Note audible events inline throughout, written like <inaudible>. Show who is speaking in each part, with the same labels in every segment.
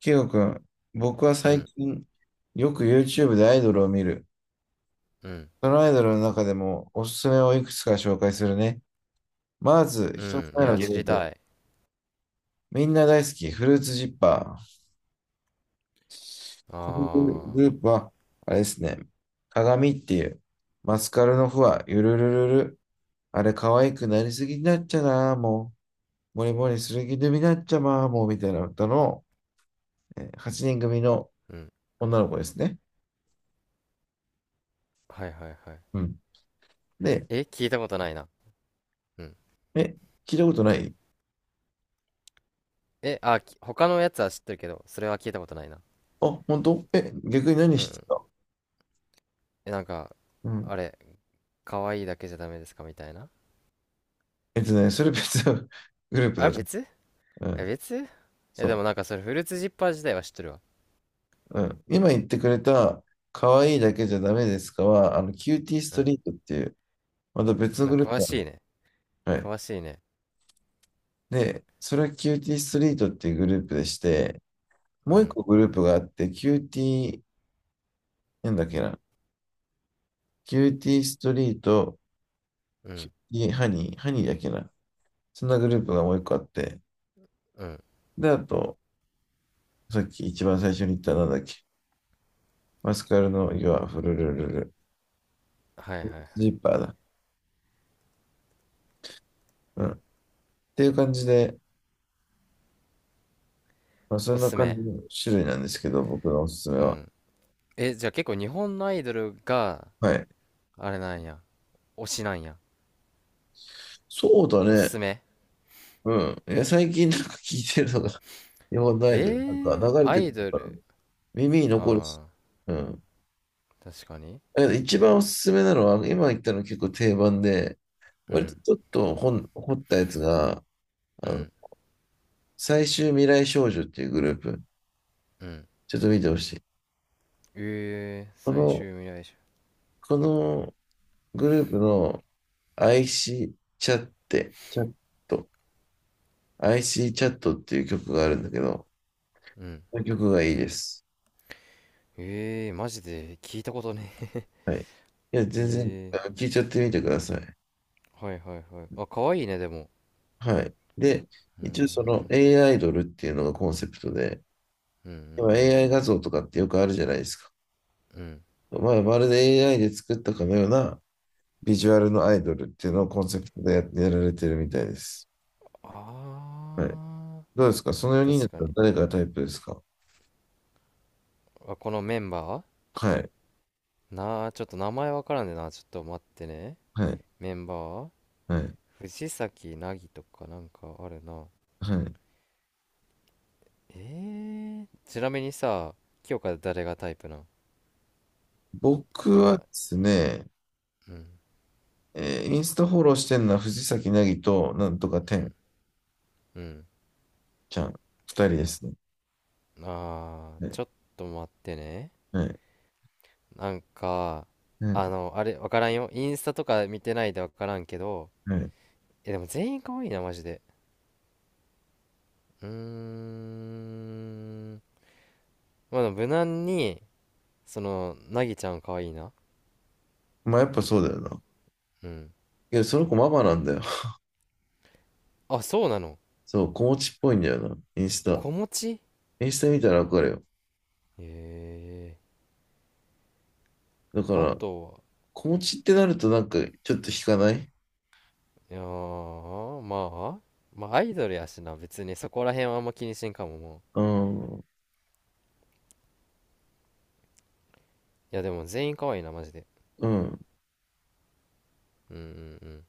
Speaker 1: キヨ君、僕は
Speaker 2: う
Speaker 1: 最
Speaker 2: ん、
Speaker 1: 近よく YouTube でアイドルを見る。
Speaker 2: うん、
Speaker 1: そのアイドルの中でもおすすめをいくつか紹介するね。まず、
Speaker 2: う
Speaker 1: 一つ
Speaker 2: ん。い
Speaker 1: 目の
Speaker 2: や、
Speaker 1: グル
Speaker 2: 知り
Speaker 1: ー
Speaker 2: た
Speaker 1: プ。
Speaker 2: い。
Speaker 1: みんな大好き、フルーツジッパー。
Speaker 2: あ
Speaker 1: このグ
Speaker 2: あ、
Speaker 1: ループは、あれですね、鏡っていう、マスカルのフワ、ゆるるるる。あれ、可愛くなりすぎになっちゃな、もう。もりもりする気でになっちゃま、もう、みたいな歌の、8人組の
Speaker 2: うん。
Speaker 1: 女の子ですね。
Speaker 2: はいはいはい。
Speaker 1: うん。で、
Speaker 2: え、聞いたことないな。うん。
Speaker 1: え、聞いたことない。
Speaker 2: え、あ、他のやつは知ってるけど、それは聞いたことないな。
Speaker 1: あ、本当？え、逆に何
Speaker 2: うんう
Speaker 1: して
Speaker 2: ん。
Speaker 1: た？
Speaker 2: え、なんか、
Speaker 1: うん。
Speaker 2: あれ、可愛いだけじゃダメですかみたいな。
Speaker 1: えっとね、それ別の <laughs> グループ
Speaker 2: あ、
Speaker 1: だと。
Speaker 2: 別
Speaker 1: う
Speaker 2: え、
Speaker 1: ん。
Speaker 2: 別え、でも
Speaker 1: そ
Speaker 2: なんかそれ、フルーツジッパー自体は知ってるわ。
Speaker 1: う。うん。今言ってくれた、可愛いだけじゃダメですかは、あの、キューティース
Speaker 2: う
Speaker 1: ト
Speaker 2: ん。
Speaker 1: リートっていう、また別の
Speaker 2: あ、
Speaker 1: グルー
Speaker 2: 詳
Speaker 1: プなの。
Speaker 2: しいね。
Speaker 1: はい。
Speaker 2: 詳しいね。
Speaker 1: で、それはキューティーストリートっていうグループでして、
Speaker 2: う
Speaker 1: もう一
Speaker 2: ん、
Speaker 1: 個グループがあって、キューティー、なんだっけな。キューティーストリート、
Speaker 2: う
Speaker 1: キュ
Speaker 2: ん、
Speaker 1: ーティーハニー、ハニーだっけな。そんなグループがもう一個あって、
Speaker 2: うん。
Speaker 1: で、あと、さっき一番最初に言ったなんだっけ。マスカルの岩、フルルルル、
Speaker 2: はいはいはい。
Speaker 1: ジーパーだ。うん。っていう感じで、まあ、そ
Speaker 2: お
Speaker 1: ん
Speaker 2: す
Speaker 1: な
Speaker 2: す
Speaker 1: 感
Speaker 2: め
Speaker 1: じの種類なんですけど、僕のおすすめ
Speaker 2: う
Speaker 1: は。
Speaker 2: ん。え、じゃあ結構日本のアイドルが、
Speaker 1: はい。
Speaker 2: あれなんや。推しなんや。
Speaker 1: そうだ
Speaker 2: おす
Speaker 1: ね。
Speaker 2: すめ
Speaker 1: うん。いや、最近なんか聞いてるのが、<laughs> 日本のアイ
Speaker 2: え
Speaker 1: ドル、なんか
Speaker 2: ー、
Speaker 1: 流れ
Speaker 2: ア
Speaker 1: てく
Speaker 2: イ
Speaker 1: る
Speaker 2: ド
Speaker 1: からね、
Speaker 2: ル。
Speaker 1: 耳に残るし。
Speaker 2: あ
Speaker 1: うん。
Speaker 2: あ、確かに。
Speaker 1: だけど一番おすすめなのは、今言ったの結構定番で、
Speaker 2: う
Speaker 1: 割
Speaker 2: ん、
Speaker 1: とちょっと本掘ったやつが、
Speaker 2: う
Speaker 1: あの、
Speaker 2: ん、
Speaker 1: 最終未来少女っていうグループ。
Speaker 2: うん。
Speaker 1: ちょっと見てほしい。
Speaker 2: ええー、
Speaker 1: こ
Speaker 2: 最
Speaker 1: の、
Speaker 2: 終未来者。
Speaker 1: このグループの IC チャッテ、チャット、IC チャットっていう曲があるんだけど、
Speaker 2: うん。
Speaker 1: この曲がいいです。
Speaker 2: ええー、マジで聞いたことねえ。
Speaker 1: はい。いや、全然、
Speaker 2: <laughs>
Speaker 1: あ
Speaker 2: ええ
Speaker 1: 聞いちゃってみてください。
Speaker 2: ー、はいはいはい。あ、可愛いね、でも。
Speaker 1: はい。で、
Speaker 2: うー
Speaker 1: 一応その
Speaker 2: ん、
Speaker 1: AI アイドルっていうのがコンセプトで、
Speaker 2: うん、うん、
Speaker 1: 今
Speaker 2: うん、
Speaker 1: AI 画像とかってよくあるじゃないですか。
Speaker 2: うん。
Speaker 1: まあ、まるで AI で作ったかのようなビジュアルのアイドルっていうのをコンセプトでややられてるみたいです。はい。
Speaker 2: ああ、
Speaker 1: どうですかその4人だ
Speaker 2: 確
Speaker 1: っ
Speaker 2: か
Speaker 1: たら
Speaker 2: に。
Speaker 1: 誰がタイプですか？
Speaker 2: あ、このメンバ
Speaker 1: はい。
Speaker 2: ーなあ、ちょっと名前わからんでな。ちょっと待ってね。
Speaker 1: はい。
Speaker 2: メンバー
Speaker 1: はい。
Speaker 2: 藤崎凪とかなんかあるな。
Speaker 1: はい。
Speaker 2: えちなみにさ、清香、誰がタイプなん？
Speaker 1: 僕は
Speaker 2: 今、
Speaker 1: ですね、
Speaker 2: うん、
Speaker 1: インスタフォローしてるのは藤崎なぎと、なんとか
Speaker 2: う
Speaker 1: てん
Speaker 2: ん、うん。
Speaker 1: ちゃん、二人ですね。
Speaker 2: あー、
Speaker 1: ね。
Speaker 2: ちょっと待ってね。
Speaker 1: はい
Speaker 2: なんか、
Speaker 1: はい
Speaker 2: あの、あれ、わからんよ。インスタとか見てないでわからんけど、
Speaker 1: はい。
Speaker 2: え、でも全員可愛いな、マジで。うーん。まあ、でも無難に、その、なぎちゃん可愛いな。
Speaker 1: まあやっぱそうだよな。
Speaker 2: うん。
Speaker 1: いや、その子ママなんだよ。<laughs>
Speaker 2: あ、そうなの。
Speaker 1: そう、子持ちっぽいんだよな、インスタ。
Speaker 2: 子持ち、
Speaker 1: インスタ見たらわかるよ。
Speaker 2: え
Speaker 1: だか
Speaker 2: ー。あ
Speaker 1: ら、
Speaker 2: とは、
Speaker 1: 子持ちってなるとなんかちょっと引かない？
Speaker 2: いやー、まあ、まあアイドルやしな、別にそこら辺はあんま気にしんかも、も
Speaker 1: うん、
Speaker 2: う。いや、でも全員可愛いな、マジで。
Speaker 1: うん。
Speaker 2: うんうんうん。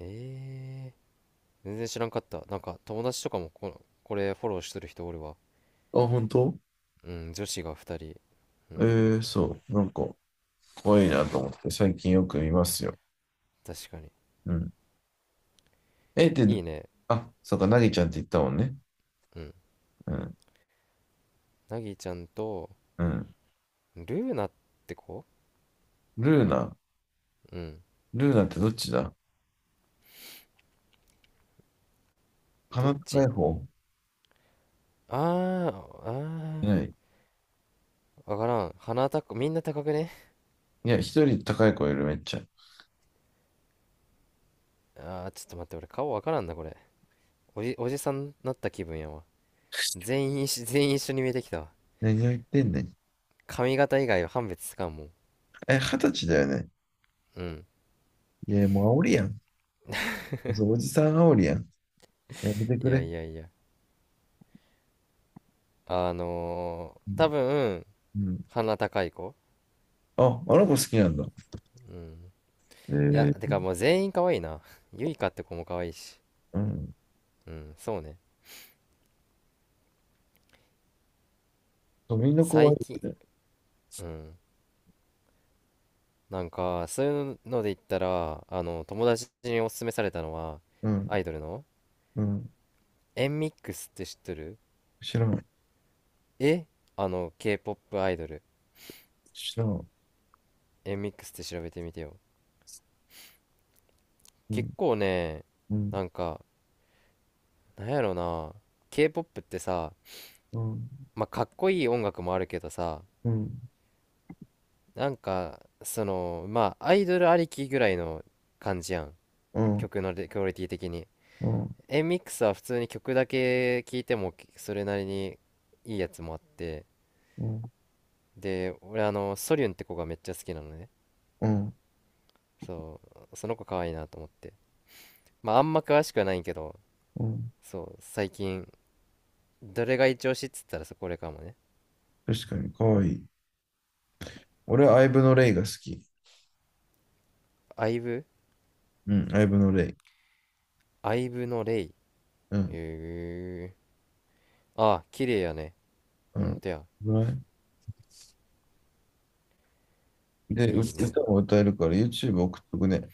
Speaker 2: えー、全然知らんかった。なんか、友達とかもこれフォローしてる人おるわ。
Speaker 1: あ、本当？
Speaker 2: うん、女子が2人。うん、
Speaker 1: えー、そう、なんか、可愛いなと思って、最近よく見ますよ。
Speaker 2: 確かに。
Speaker 1: うん。え、で、
Speaker 2: いいね。
Speaker 1: あ、そうか、なぎちゃんって言ったもんね。
Speaker 2: うん。
Speaker 1: うん、
Speaker 2: なぎちゃんと、
Speaker 1: うん。
Speaker 2: ルーナって子？
Speaker 1: ルーナ。
Speaker 2: うん。
Speaker 1: ルーナってどっちだ？
Speaker 2: ど
Speaker 1: 鼻
Speaker 2: っ
Speaker 1: 高い
Speaker 2: ち？
Speaker 1: 方？
Speaker 2: あー、
Speaker 1: いな
Speaker 2: あ
Speaker 1: い。
Speaker 2: ー、わからん。みんな高くね？
Speaker 1: いや、一人高い子いる、めっちゃ。
Speaker 2: あー、ちょっと待って、俺顔わからんな、これ。おじさんになった気分やわ。全員一緒全員一緒に見えてきたわ。
Speaker 1: 何を言ってんねん。
Speaker 2: 髪型以外は判別つかんもん。
Speaker 1: え、二十歳だよね。
Speaker 2: うん。
Speaker 1: いや、もう煽りやん。そう、おじさん煽りやん。やめてく
Speaker 2: いや
Speaker 1: れ。
Speaker 2: いやいや。
Speaker 1: う
Speaker 2: 多
Speaker 1: ん。
Speaker 2: 分
Speaker 1: うん。
Speaker 2: 鼻高い子。
Speaker 1: あ、あの子好きなんだ。
Speaker 2: うん。
Speaker 1: え
Speaker 2: いやて
Speaker 1: ー、
Speaker 2: かもう全員可愛いな。ゆいか <laughs> って子も可愛いし。
Speaker 1: うん。
Speaker 2: うん、そうね。
Speaker 1: そう、みんな怖
Speaker 2: 最
Speaker 1: い
Speaker 2: 近。
Speaker 1: よね。
Speaker 2: うん。なんかそういうので言ったら、あの友達におすすめされたのは、
Speaker 1: うん。
Speaker 2: アイドルの、
Speaker 1: うん。
Speaker 2: エンミックスって知ってる？
Speaker 1: 知らん。
Speaker 2: え、あの K-POP アイドル。
Speaker 1: 知らん。
Speaker 2: エンミックスって調べてみてよ。
Speaker 1: う
Speaker 2: 結
Speaker 1: ん。
Speaker 2: 構ね、
Speaker 1: うん。
Speaker 2: なんか、なんやろな、 K-POP ってさ、
Speaker 1: うん。
Speaker 2: まあ、かっこいい音楽もあるけどさ、
Speaker 1: うん。
Speaker 2: なんかそのまあアイドルありきぐらいの感じやん。
Speaker 1: うん。
Speaker 2: 曲のレクオリティ的に、
Speaker 1: うん。
Speaker 2: Mx は普通に曲だけ聴いてもそれなりにいいやつもあって、
Speaker 1: うん。
Speaker 2: で俺あのソリュンって子がめっちゃ好きなのね。
Speaker 1: うん。
Speaker 2: そうその子可愛いなと思って、まああんま詳しくはないけど、
Speaker 1: うん。
Speaker 2: そう、最近どれが一押しっつったらそこれかもね。
Speaker 1: 確かに、可愛い。俺はアイブのレイが好き。
Speaker 2: アイブ
Speaker 1: うん、アイブのレイ。
Speaker 2: アイブのレイ？へ
Speaker 1: うん。
Speaker 2: えああ、綺麗やね。
Speaker 1: う
Speaker 2: ほん
Speaker 1: ん。
Speaker 2: とや。
Speaker 1: ね。で、う
Speaker 2: いいね。
Speaker 1: 歌も歌えるから YouTube 送っとくね。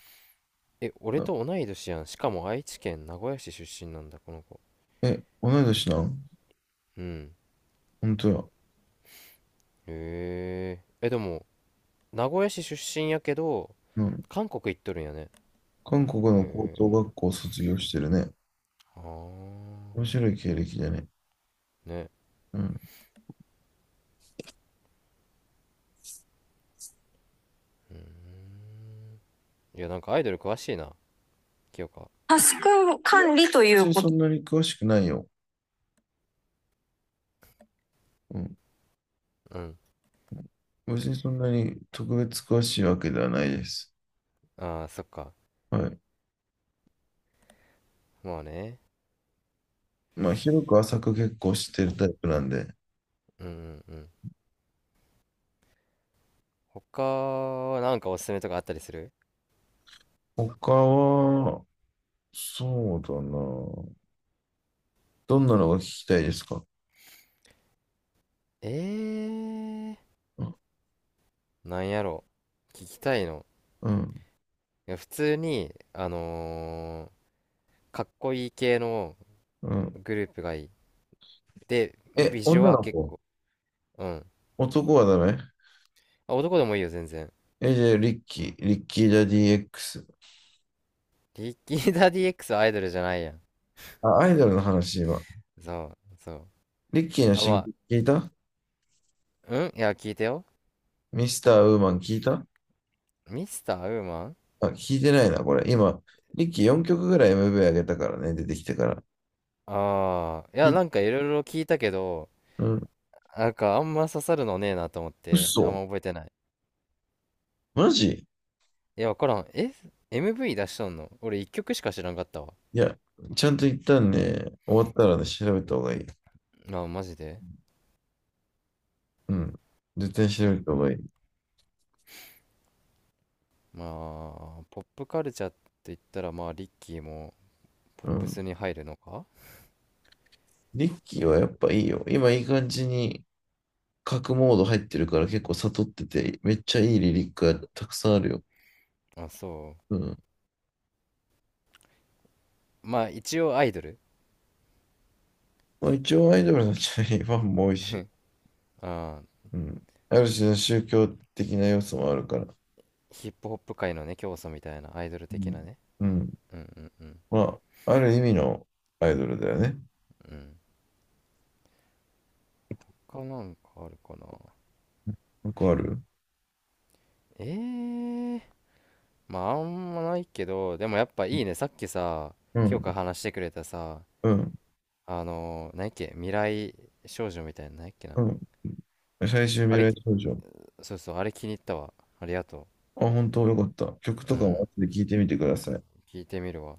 Speaker 2: え、俺
Speaker 1: あ、
Speaker 2: と同い年やん。しかも愛知県名古屋市出身なんだ、この子。
Speaker 1: え、同い年なん？
Speaker 2: うん。
Speaker 1: 本当や。
Speaker 2: へえ。え、でも、名古屋市出身やけど、
Speaker 1: うん。
Speaker 2: 韓国行っとるんやね。
Speaker 1: 韓国
Speaker 2: へ
Speaker 1: の高等
Speaker 2: え。
Speaker 1: 学校を卒業してるね。
Speaker 2: あ
Speaker 1: 面
Speaker 2: あ。
Speaker 1: 白い経歴だね。
Speaker 2: ね。
Speaker 1: うん。
Speaker 2: いや、なんかアイドル詳しいな、清香。
Speaker 1: タスク管理とい別うにこそと。んなに詳しくないよ。うん。
Speaker 2: うん。
Speaker 1: 別にそんなに特別詳しいわけではないです。
Speaker 2: ああ、そっか。
Speaker 1: はい。
Speaker 2: まあね。
Speaker 1: まあ、広く浅く結構知ってるタイプなんで。
Speaker 2: うんうんうん。他はなんかおすすめとかあったりする？
Speaker 1: 他は、そうだな。どんなのが聞きたいですか？
Speaker 2: えー、
Speaker 1: うん。
Speaker 2: なんやろ。聞きたいの？
Speaker 1: うん。
Speaker 2: いや、普通に、かっこいい系の
Speaker 1: うん。
Speaker 2: グループがいい。で、
Speaker 1: え、
Speaker 2: ビジュ
Speaker 1: 女
Speaker 2: は
Speaker 1: の
Speaker 2: 結
Speaker 1: 子？
Speaker 2: 構、うん。
Speaker 1: 男はダメ？
Speaker 2: あ、男でもいいよ、全然。
Speaker 1: え、じゃあ、リッキー・ジャディ X。
Speaker 2: リキーダ DX はアイドルじゃないやん。
Speaker 1: あ、アイドルの話、今。
Speaker 2: そう、そう。
Speaker 1: リッキーの
Speaker 2: あ、
Speaker 1: 新
Speaker 2: ま
Speaker 1: 曲
Speaker 2: あ、
Speaker 1: 聞いた？
Speaker 2: うん、いや、聞いてよ。
Speaker 1: ミスター・ウーマン聞いた？
Speaker 2: ミスターウーマン。
Speaker 1: あ、聞いてないな、これ。今、リッキー4曲ぐらい MV 上げたからね、出てきてから。
Speaker 2: ああー、いや、
Speaker 1: い、
Speaker 2: なんかいろいろ聞いたけど、
Speaker 1: うん、
Speaker 2: なんかあんま刺さるのねえなと思って、あん
Speaker 1: 嘘？
Speaker 2: ま覚えてない。
Speaker 1: マジ？
Speaker 2: いや、わからん。え ?MV 出しとんの俺一曲しか知らんかったわ。
Speaker 1: いや、ちゃんと一旦ね、終わったらね、調べた方がいい。
Speaker 2: まあ、マジで
Speaker 1: うん。絶対
Speaker 2: そ
Speaker 1: 調
Speaker 2: っ
Speaker 1: べた方
Speaker 2: か。
Speaker 1: がいい。
Speaker 2: まあ、ポップカルチャーって言ったら、まあ、リッキーもポッ
Speaker 1: う
Speaker 2: プ
Speaker 1: ん。
Speaker 2: スに入るのか。
Speaker 1: リッキーはやっぱいいよ。今いい感じに角モード入ってるから結構悟ってて、めっちゃいいリリックがたくさんあるよ。
Speaker 2: あ、そ
Speaker 1: うん。
Speaker 2: う。まあ一応アイドル。
Speaker 1: まあ、一応アイドルのチャリファンも多いし、
Speaker 2: あー、
Speaker 1: うん。ある種の宗教的な要素もあるから。
Speaker 2: ヒップホップ界のね、教祖みたいなアイドル
Speaker 1: う
Speaker 2: 的
Speaker 1: ん。
Speaker 2: なね。
Speaker 1: うん。
Speaker 2: うんうんうん。
Speaker 1: まあ、ある意味のアイドルだよね。
Speaker 2: うん。他なんかあるかな。
Speaker 1: よくある？
Speaker 2: ええ、まああんまないけど、でもやっぱいいね。さっきさ、
Speaker 1: う
Speaker 2: 今日
Speaker 1: ん。
Speaker 2: から話してくれたさ、
Speaker 1: うん。
Speaker 2: 何やっけ、未来少女みたいな、何やっけな。
Speaker 1: うん。最終
Speaker 2: あ
Speaker 1: 未
Speaker 2: れ、
Speaker 1: 来少女。
Speaker 2: そうそう、あれ気に入ったわ。ありがと
Speaker 1: あ、本当？よかった。曲
Speaker 2: う。う
Speaker 1: とかも後
Speaker 2: ん。
Speaker 1: で聞いてみてください。
Speaker 2: 聞いてみるわ。